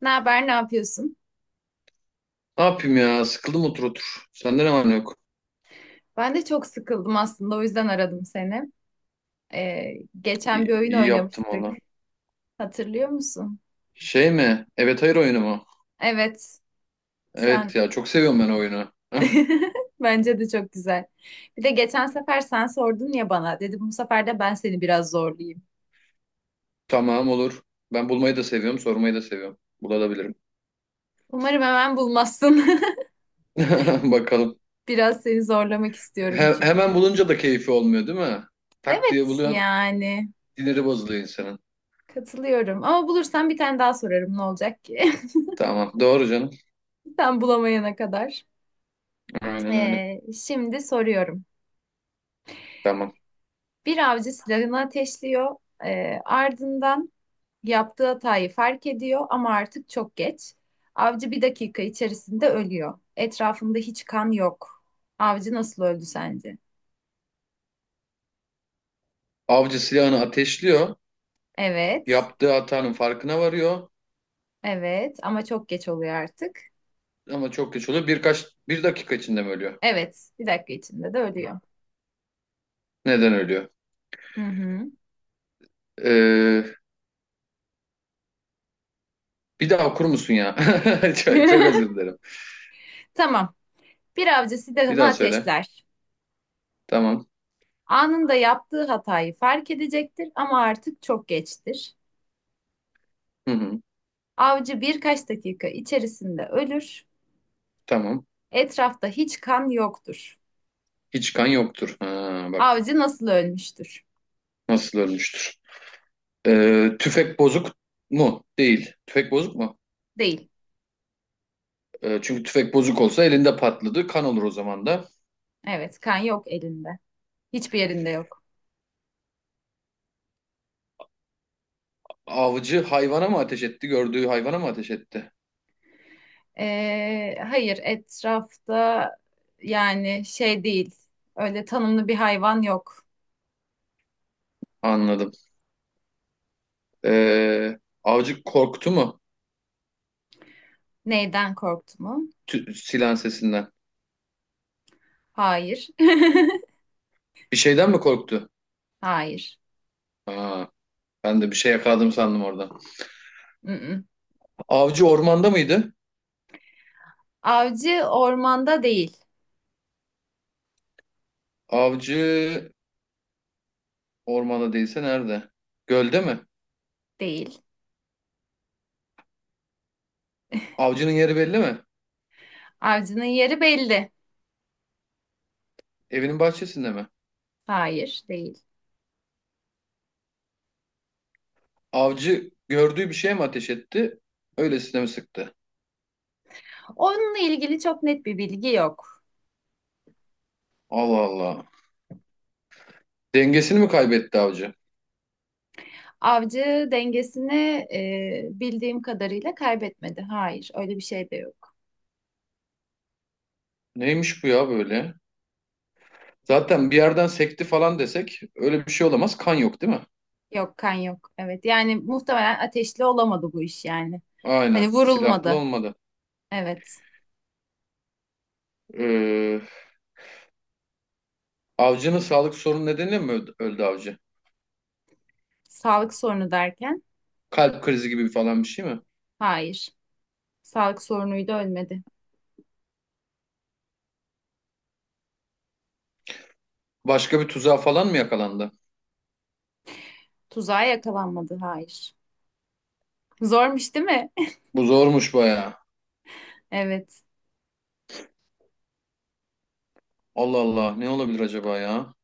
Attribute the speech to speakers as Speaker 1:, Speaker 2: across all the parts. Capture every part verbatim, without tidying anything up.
Speaker 1: Ne haber, ne yapıyorsun?
Speaker 2: Ne yapayım ya? Sıkıldım otur otur. Sende ne var ne yok?
Speaker 1: Ben de çok sıkıldım aslında, o yüzden aradım seni. Ee, geçen
Speaker 2: İyi,
Speaker 1: bir oyun
Speaker 2: iyi yaptım
Speaker 1: oynamıştık.
Speaker 2: valla.
Speaker 1: Hatırlıyor musun?
Speaker 2: Şey mi? Evet hayır oyunu mu?
Speaker 1: Evet,
Speaker 2: Evet
Speaker 1: sen.
Speaker 2: ya çok seviyorum ben o oyunu.
Speaker 1: Bence de çok güzel. Bir de geçen sefer sen sordun ya bana. Dedim bu sefer de ben seni biraz zorlayayım.
Speaker 2: Tamam olur. Ben bulmayı da seviyorum, sormayı da seviyorum. Bulabilirim.
Speaker 1: Umarım hemen bulmazsın.
Speaker 2: Bakalım.
Speaker 1: Biraz seni zorlamak istiyorum
Speaker 2: He- hemen
Speaker 1: çünkü.
Speaker 2: bulunca da keyfi olmuyor değil mi? Tak diye
Speaker 1: Evet,
Speaker 2: buluyorsun.
Speaker 1: yani
Speaker 2: Dinleri bozuluyor insanın.
Speaker 1: katılıyorum. Ama bulursam bir tane daha sorarım ne olacak ki?
Speaker 2: Tamam. Doğru canım.
Speaker 1: Sen bulamayana kadar.
Speaker 2: Aynen öyle.
Speaker 1: Ee, şimdi soruyorum.
Speaker 2: Tamam.
Speaker 1: Bir avcı silahını ateşliyor. Ee, ardından yaptığı hatayı fark ediyor ama artık çok geç. Avcı bir dakika içerisinde ölüyor. Etrafında hiç kan yok. Avcı nasıl öldü sence?
Speaker 2: Avcı silahını ateşliyor.
Speaker 1: Evet,
Speaker 2: Yaptığı hatanın farkına varıyor.
Speaker 1: evet ama çok geç oluyor artık.
Speaker 2: Ama çok geç oluyor. Birkaç, bir dakika içinde mi ölüyor?
Speaker 1: Evet, bir dakika içinde de ölüyor.
Speaker 2: Neden ölüyor?
Speaker 1: Hı hı.
Speaker 2: Ee, Bir daha okur musun ya? Çok, çok özür dilerim.
Speaker 1: Tamam. Bir avcı
Speaker 2: Bir
Speaker 1: silahını
Speaker 2: daha söyle.
Speaker 1: ateşler.
Speaker 2: Tamam.
Speaker 1: Anında yaptığı hatayı fark edecektir ama artık çok geçtir.
Speaker 2: Hı hı.
Speaker 1: Avcı birkaç dakika içerisinde ölür.
Speaker 2: Tamam.
Speaker 1: Etrafta hiç kan yoktur.
Speaker 2: Hiç kan yoktur. Ha, bak
Speaker 1: Avcı nasıl ölmüştür?
Speaker 2: nasıl ölmüştür. Ee, tüfek bozuk mu? Değil. Tüfek bozuk mu?
Speaker 1: Değil.
Speaker 2: Ee, çünkü tüfek bozuk olsa elinde patladı. Kan olur o zaman da.
Speaker 1: Evet, kan yok elinde. Hiçbir yerinde yok.
Speaker 2: Avcı hayvana mı ateş etti? Gördüğü hayvana mı ateş etti?
Speaker 1: Ee, hayır, etrafta yani şey değil. Öyle tanımlı bir hayvan yok.
Speaker 2: Anladım. Ee, avcı korktu mu?
Speaker 1: Neyden korktu mu?
Speaker 2: Tü- silah sesinden.
Speaker 1: Hayır.
Speaker 2: Bir şeyden mi korktu?
Speaker 1: Hayır.
Speaker 2: Ha, ben de bir şey yakaladım sandım orada.
Speaker 1: Mm-mm.
Speaker 2: Avcı ormanda mıydı?
Speaker 1: Avcı ormanda değil.
Speaker 2: Avcı ormanda değilse nerede? Gölde mi?
Speaker 1: Değil.
Speaker 2: Avcının yeri belli mi?
Speaker 1: Avcının yeri belli.
Speaker 2: Evinin bahçesinde mi?
Speaker 1: Hayır, değil.
Speaker 2: Avcı gördüğü bir şeye mi ateş etti? Öylesine mi sıktı?
Speaker 1: Onunla ilgili çok net bir bilgi yok.
Speaker 2: Allah Allah. Dengesini mi kaybetti avcı?
Speaker 1: Avcı dengesini e, bildiğim kadarıyla kaybetmedi. Hayır, öyle bir şey de yok.
Speaker 2: Neymiş bu ya böyle? Zaten bir yerden sekti falan desek öyle bir şey olamaz. Kan yok değil mi?
Speaker 1: Yok, kan yok. Evet, yani muhtemelen ateşli olamadı bu iş yani. Hani
Speaker 2: Aynen. Silahlı
Speaker 1: vurulmadı.
Speaker 2: olmadı.
Speaker 1: Evet.
Speaker 2: Ee, Avcının sağlık sorunu nedeniyle mi öldü, öldü avcı?
Speaker 1: Sağlık sorunu derken
Speaker 2: Kalp krizi gibi falan bir şey mi?
Speaker 1: hayır. Sağlık sorunuyla ölmedi.
Speaker 2: Başka bir tuzağa falan mı yakalandı?
Speaker 1: Tuzağa yakalanmadı. Hayır. Zormuş değil mi?
Speaker 2: Bu zormuş bayağı.
Speaker 1: Evet.
Speaker 2: Allah Allah ne olabilir acaba ya?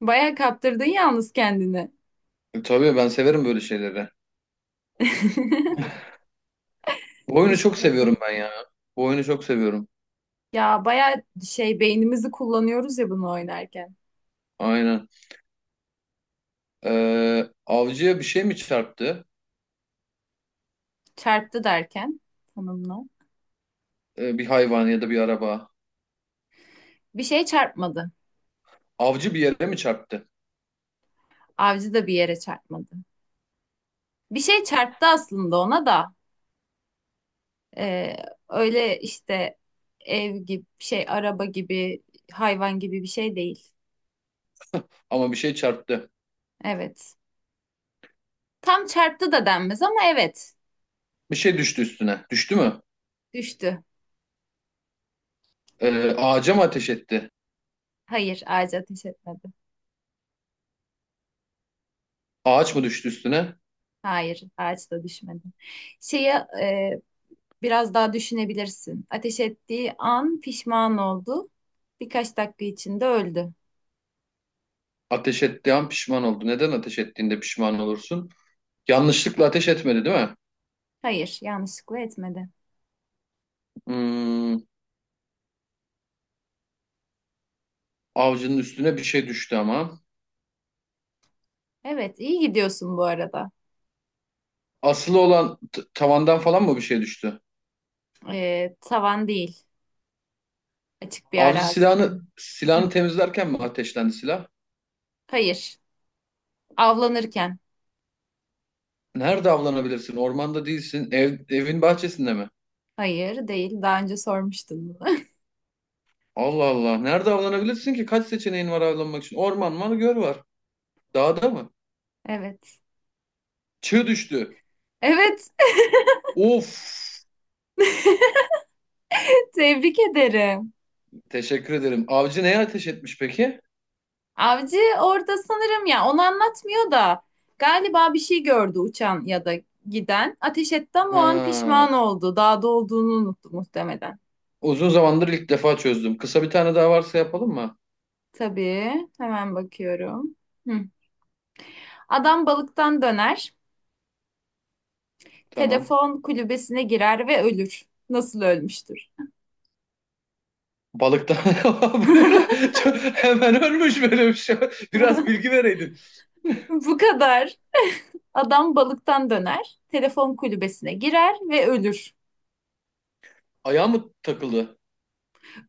Speaker 1: Bayağı kaptırdın yalnız kendini.
Speaker 2: Tabii ben severim böyle şeyleri. Bu oyunu çok
Speaker 1: Düşün
Speaker 2: seviyorum
Speaker 1: bakalım.
Speaker 2: ben ya. Bu oyunu çok seviyorum.
Speaker 1: Ya bayağı şey beynimizi kullanıyoruz ya bunu oynarken.
Speaker 2: Aynen. Ee, avcıya bir şey mi çarptı?
Speaker 1: Çarptı derken tanımla.
Speaker 2: Ee, bir hayvan ya da bir araba.
Speaker 1: Bir şey çarpmadı.
Speaker 2: Avcı bir yere mi çarptı?
Speaker 1: Avcı da bir yere çarpmadı. Bir şey çarptı aslında ona da. Ee, öyle işte ev gibi şey, araba gibi, hayvan gibi bir şey değil.
Speaker 2: Ama bir şey çarptı.
Speaker 1: Evet. Tam çarptı da denmez ama evet.
Speaker 2: Bir şey düştü üstüne. Düştü mü?
Speaker 1: Düştü.
Speaker 2: Ee, ağaca mı ateş etti?
Speaker 1: Hayır, ağaca ateş etmedi.
Speaker 2: Ağaç mı düştü üstüne?
Speaker 1: Hayır, ağaç da düşmedi. Şeyi e, biraz daha düşünebilirsin. Ateş ettiği an pişman oldu. Birkaç dakika içinde öldü.
Speaker 2: Ateş ettiği an pişman oldu. Neden ateş ettiğinde pişman olursun? Yanlışlıkla ateş etmedi değil mi?
Speaker 1: Hayır, yanlışlıkla etmedi.
Speaker 2: Hmm, Avcının üstüne bir şey düştü ama.
Speaker 1: Evet, iyi gidiyorsun bu arada.
Speaker 2: Asılı olan t- tavandan falan mı bir şey düştü?
Speaker 1: Ee, tavan değil. Açık bir
Speaker 2: Avcı
Speaker 1: arazi.
Speaker 2: silahını silahını
Speaker 1: Hı.
Speaker 2: temizlerken mi ateşlendi silah?
Speaker 1: Hayır. Avlanırken.
Speaker 2: Nerede avlanabilirsin? Ormanda değilsin. Ev, evin bahçesinde mi?
Speaker 1: Hayır değil. Daha önce sormuştun bunu.
Speaker 2: Allah Allah. Nerede avlanabilirsin ki? Kaç seçeneğin var avlanmak için? Orman mı? Göl var. Dağda mı?
Speaker 1: Evet.
Speaker 2: Çığ düştü.
Speaker 1: Evet.
Speaker 2: Of.
Speaker 1: Tebrik ederim.
Speaker 2: Teşekkür ederim. Avcı neye ateş etmiş peki?
Speaker 1: Avcı orada sanırım ya onu anlatmıyor da galiba bir şey gördü uçan ya da giden. Ateş etti ama o an
Speaker 2: Ha.
Speaker 1: pişman oldu. Dağda olduğunu unuttu muhtemelen.
Speaker 2: Uzun zamandır ilk defa çözdüm. Kısa bir tane daha varsa yapalım mı?
Speaker 1: Tabii. Hemen bakıyorum. Hı. Adam balıktan döner.
Speaker 2: Tamam.
Speaker 1: Telefon kulübesine girer ve ölür. Nasıl ölmüştür?
Speaker 2: Balıktan. Bu ne lan? Çok- Hemen ölmüş böyle bir şey. Biraz bilgi vereydin.
Speaker 1: Bu kadar. Adam balıktan döner, telefon kulübesine girer ve ölür.
Speaker 2: Ayağı mı takıldı?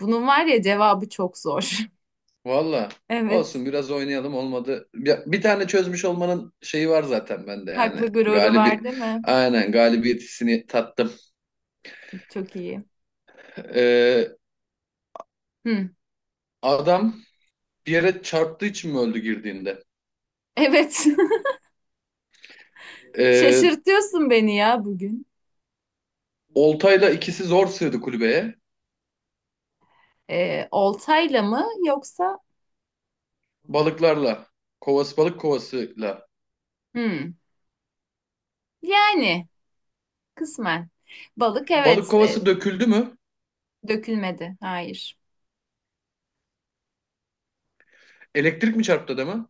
Speaker 1: Bunun var ya cevabı çok zor.
Speaker 2: Valla
Speaker 1: Evet,
Speaker 2: olsun biraz oynayalım olmadı. Bir, bir tane çözmüş olmanın şeyi var zaten bende yani.
Speaker 1: haklı gururu
Speaker 2: Galibi
Speaker 1: var değil mi?
Speaker 2: aynen galibiyet hissini tattım.
Speaker 1: Çok iyi.
Speaker 2: Ee,
Speaker 1: Hı.
Speaker 2: Adam bir yere çarptığı için mi öldü girdiğinde?
Speaker 1: Evet,
Speaker 2: Ee,
Speaker 1: şaşırtıyorsun beni ya bugün.
Speaker 2: Oltayla ikisi zor sığdı kulübeye.
Speaker 1: Ee, oltayla mı yoksa?
Speaker 2: Balıklarla. Kovası balık kovasıyla.
Speaker 1: Hı. Yani kısmen. Balık
Speaker 2: Balık
Speaker 1: evet
Speaker 2: kovası
Speaker 1: e,
Speaker 2: döküldü mü?
Speaker 1: dökülmedi. Hayır,
Speaker 2: Elektrik mi çarptı adamı?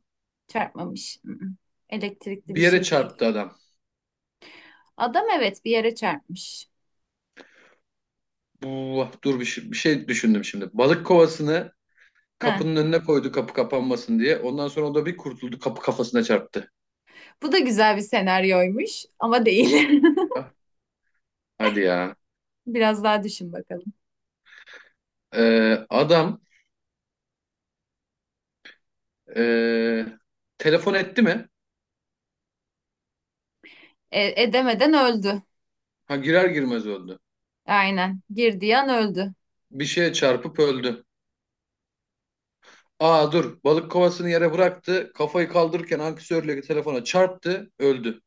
Speaker 1: çarpmamış. Elektrikli
Speaker 2: Bir
Speaker 1: bir
Speaker 2: yere
Speaker 1: şey değil.
Speaker 2: çarptı adam.
Speaker 1: Adam evet bir yere çarpmış.
Speaker 2: Bu, dur bir şey, bir şey düşündüm şimdi. Balık kovasını
Speaker 1: Heh.
Speaker 2: kapının önüne koydu kapı kapanmasın diye. Ondan sonra o da bir kurtuldu kapı kafasına çarptı.
Speaker 1: Bu da güzel bir senaryoymuş ama değil.
Speaker 2: Ha, hadi ya.
Speaker 1: Biraz daha düşün bakalım.
Speaker 2: Ee, adam ee, telefon etti mi?
Speaker 1: E, edemeden öldü.
Speaker 2: Ha, girer girmez öldü.
Speaker 1: Aynen. Girdiği an öldü.
Speaker 2: Bir şeye çarpıp öldü. Aa dur balık kovasını yere bıraktı. Kafayı kaldırırken ankesörle telefona çarptı öldü.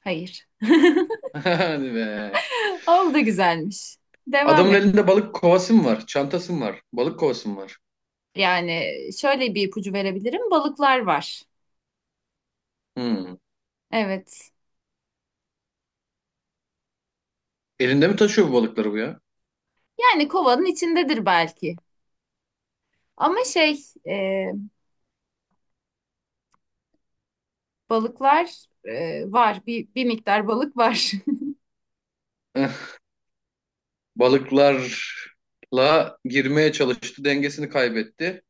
Speaker 1: Hayır.
Speaker 2: Hadi be.
Speaker 1: O da güzelmiş. Devam
Speaker 2: Adamın
Speaker 1: et.
Speaker 2: elinde balık kovası mı var? Çantası mı var? Balık kovası mı var?
Speaker 1: Yani şöyle bir ipucu verebilirim. Balıklar var.
Speaker 2: Hmm.
Speaker 1: Evet.
Speaker 2: Elinde mi taşıyor bu balıkları bu ya?
Speaker 1: Yani kovanın içindedir belki. Ama şey, e, balıklar e, var. Bir, bir miktar balık var.
Speaker 2: Balıklarla girmeye çalıştı, dengesini kaybetti.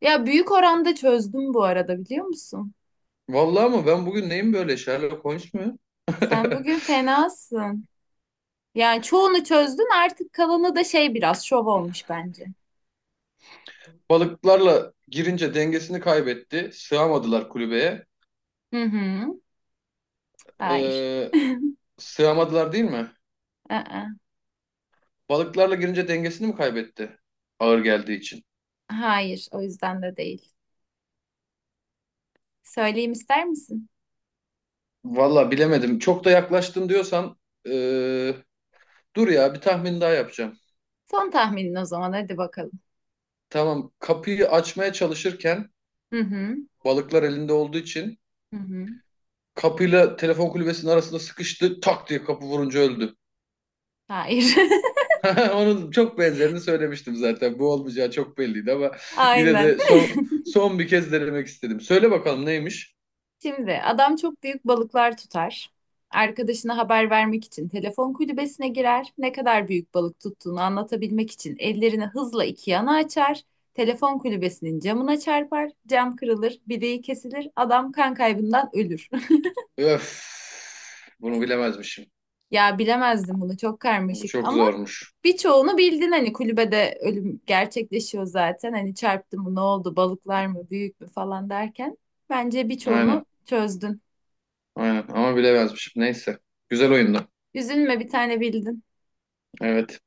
Speaker 1: Ya büyük oranda çözdüm bu arada biliyor musun?
Speaker 2: Vallahi ama ben bugün neyim böyle Sherlock Holmes mu?
Speaker 1: Sen bugün fenasın. Yani çoğunu çözdün artık kalanı da şey biraz şov olmuş bence.
Speaker 2: Balıklarla girince dengesini kaybetti. Sığamadılar kulübeye.
Speaker 1: Hı hı. Hayır.
Speaker 2: Ee, Sığamadılar değil mi?
Speaker 1: Aa,
Speaker 2: Balıklarla girince dengesini mi kaybetti? Ağır geldiği için.
Speaker 1: hayır, o yüzden de değil. Söyleyeyim ister misin?
Speaker 2: Vallahi bilemedim. Çok da yaklaştın diyorsan ee, dur ya bir tahmin daha yapacağım.
Speaker 1: Son tahminin o zaman hadi bakalım.
Speaker 2: Tamam kapıyı açmaya çalışırken
Speaker 1: Hı hı.
Speaker 2: balıklar elinde olduğu için
Speaker 1: Hı hı.
Speaker 2: kapıyla telefon kulübesinin arasında sıkıştı. Tak diye kapı vurunca öldü.
Speaker 1: Hayır.
Speaker 2: Onun çok benzerini söylemiştim zaten. Bu olmayacağı çok belliydi ama yine
Speaker 1: Aynen.
Speaker 2: de son son bir kez denemek istedim. Söyle bakalım neymiş?
Speaker 1: Şimdi adam çok büyük balıklar tutar. Arkadaşına haber vermek için telefon kulübesine girer. Ne kadar büyük balık tuttuğunu anlatabilmek için ellerini hızla iki yana açar. Telefon kulübesinin camına çarpar. Cam kırılır, bileği kesilir. Adam kan kaybından ölür.
Speaker 2: Öf. Bunu bilemezmişim.
Speaker 1: Ya bilemezdim bunu çok
Speaker 2: Bu
Speaker 1: karmaşık
Speaker 2: çok
Speaker 1: ama
Speaker 2: zormuş.
Speaker 1: birçoğunu bildin hani kulübede ölüm gerçekleşiyor zaten. Hani çarptı mı ne oldu balıklar mı büyük mü falan derken. Bence
Speaker 2: Aynen.
Speaker 1: birçoğunu çözdün.
Speaker 2: Aynen ama bilemezmişim. Neyse. Güzel oyundu.
Speaker 1: Üzülme bir tane bildin.
Speaker 2: Evet.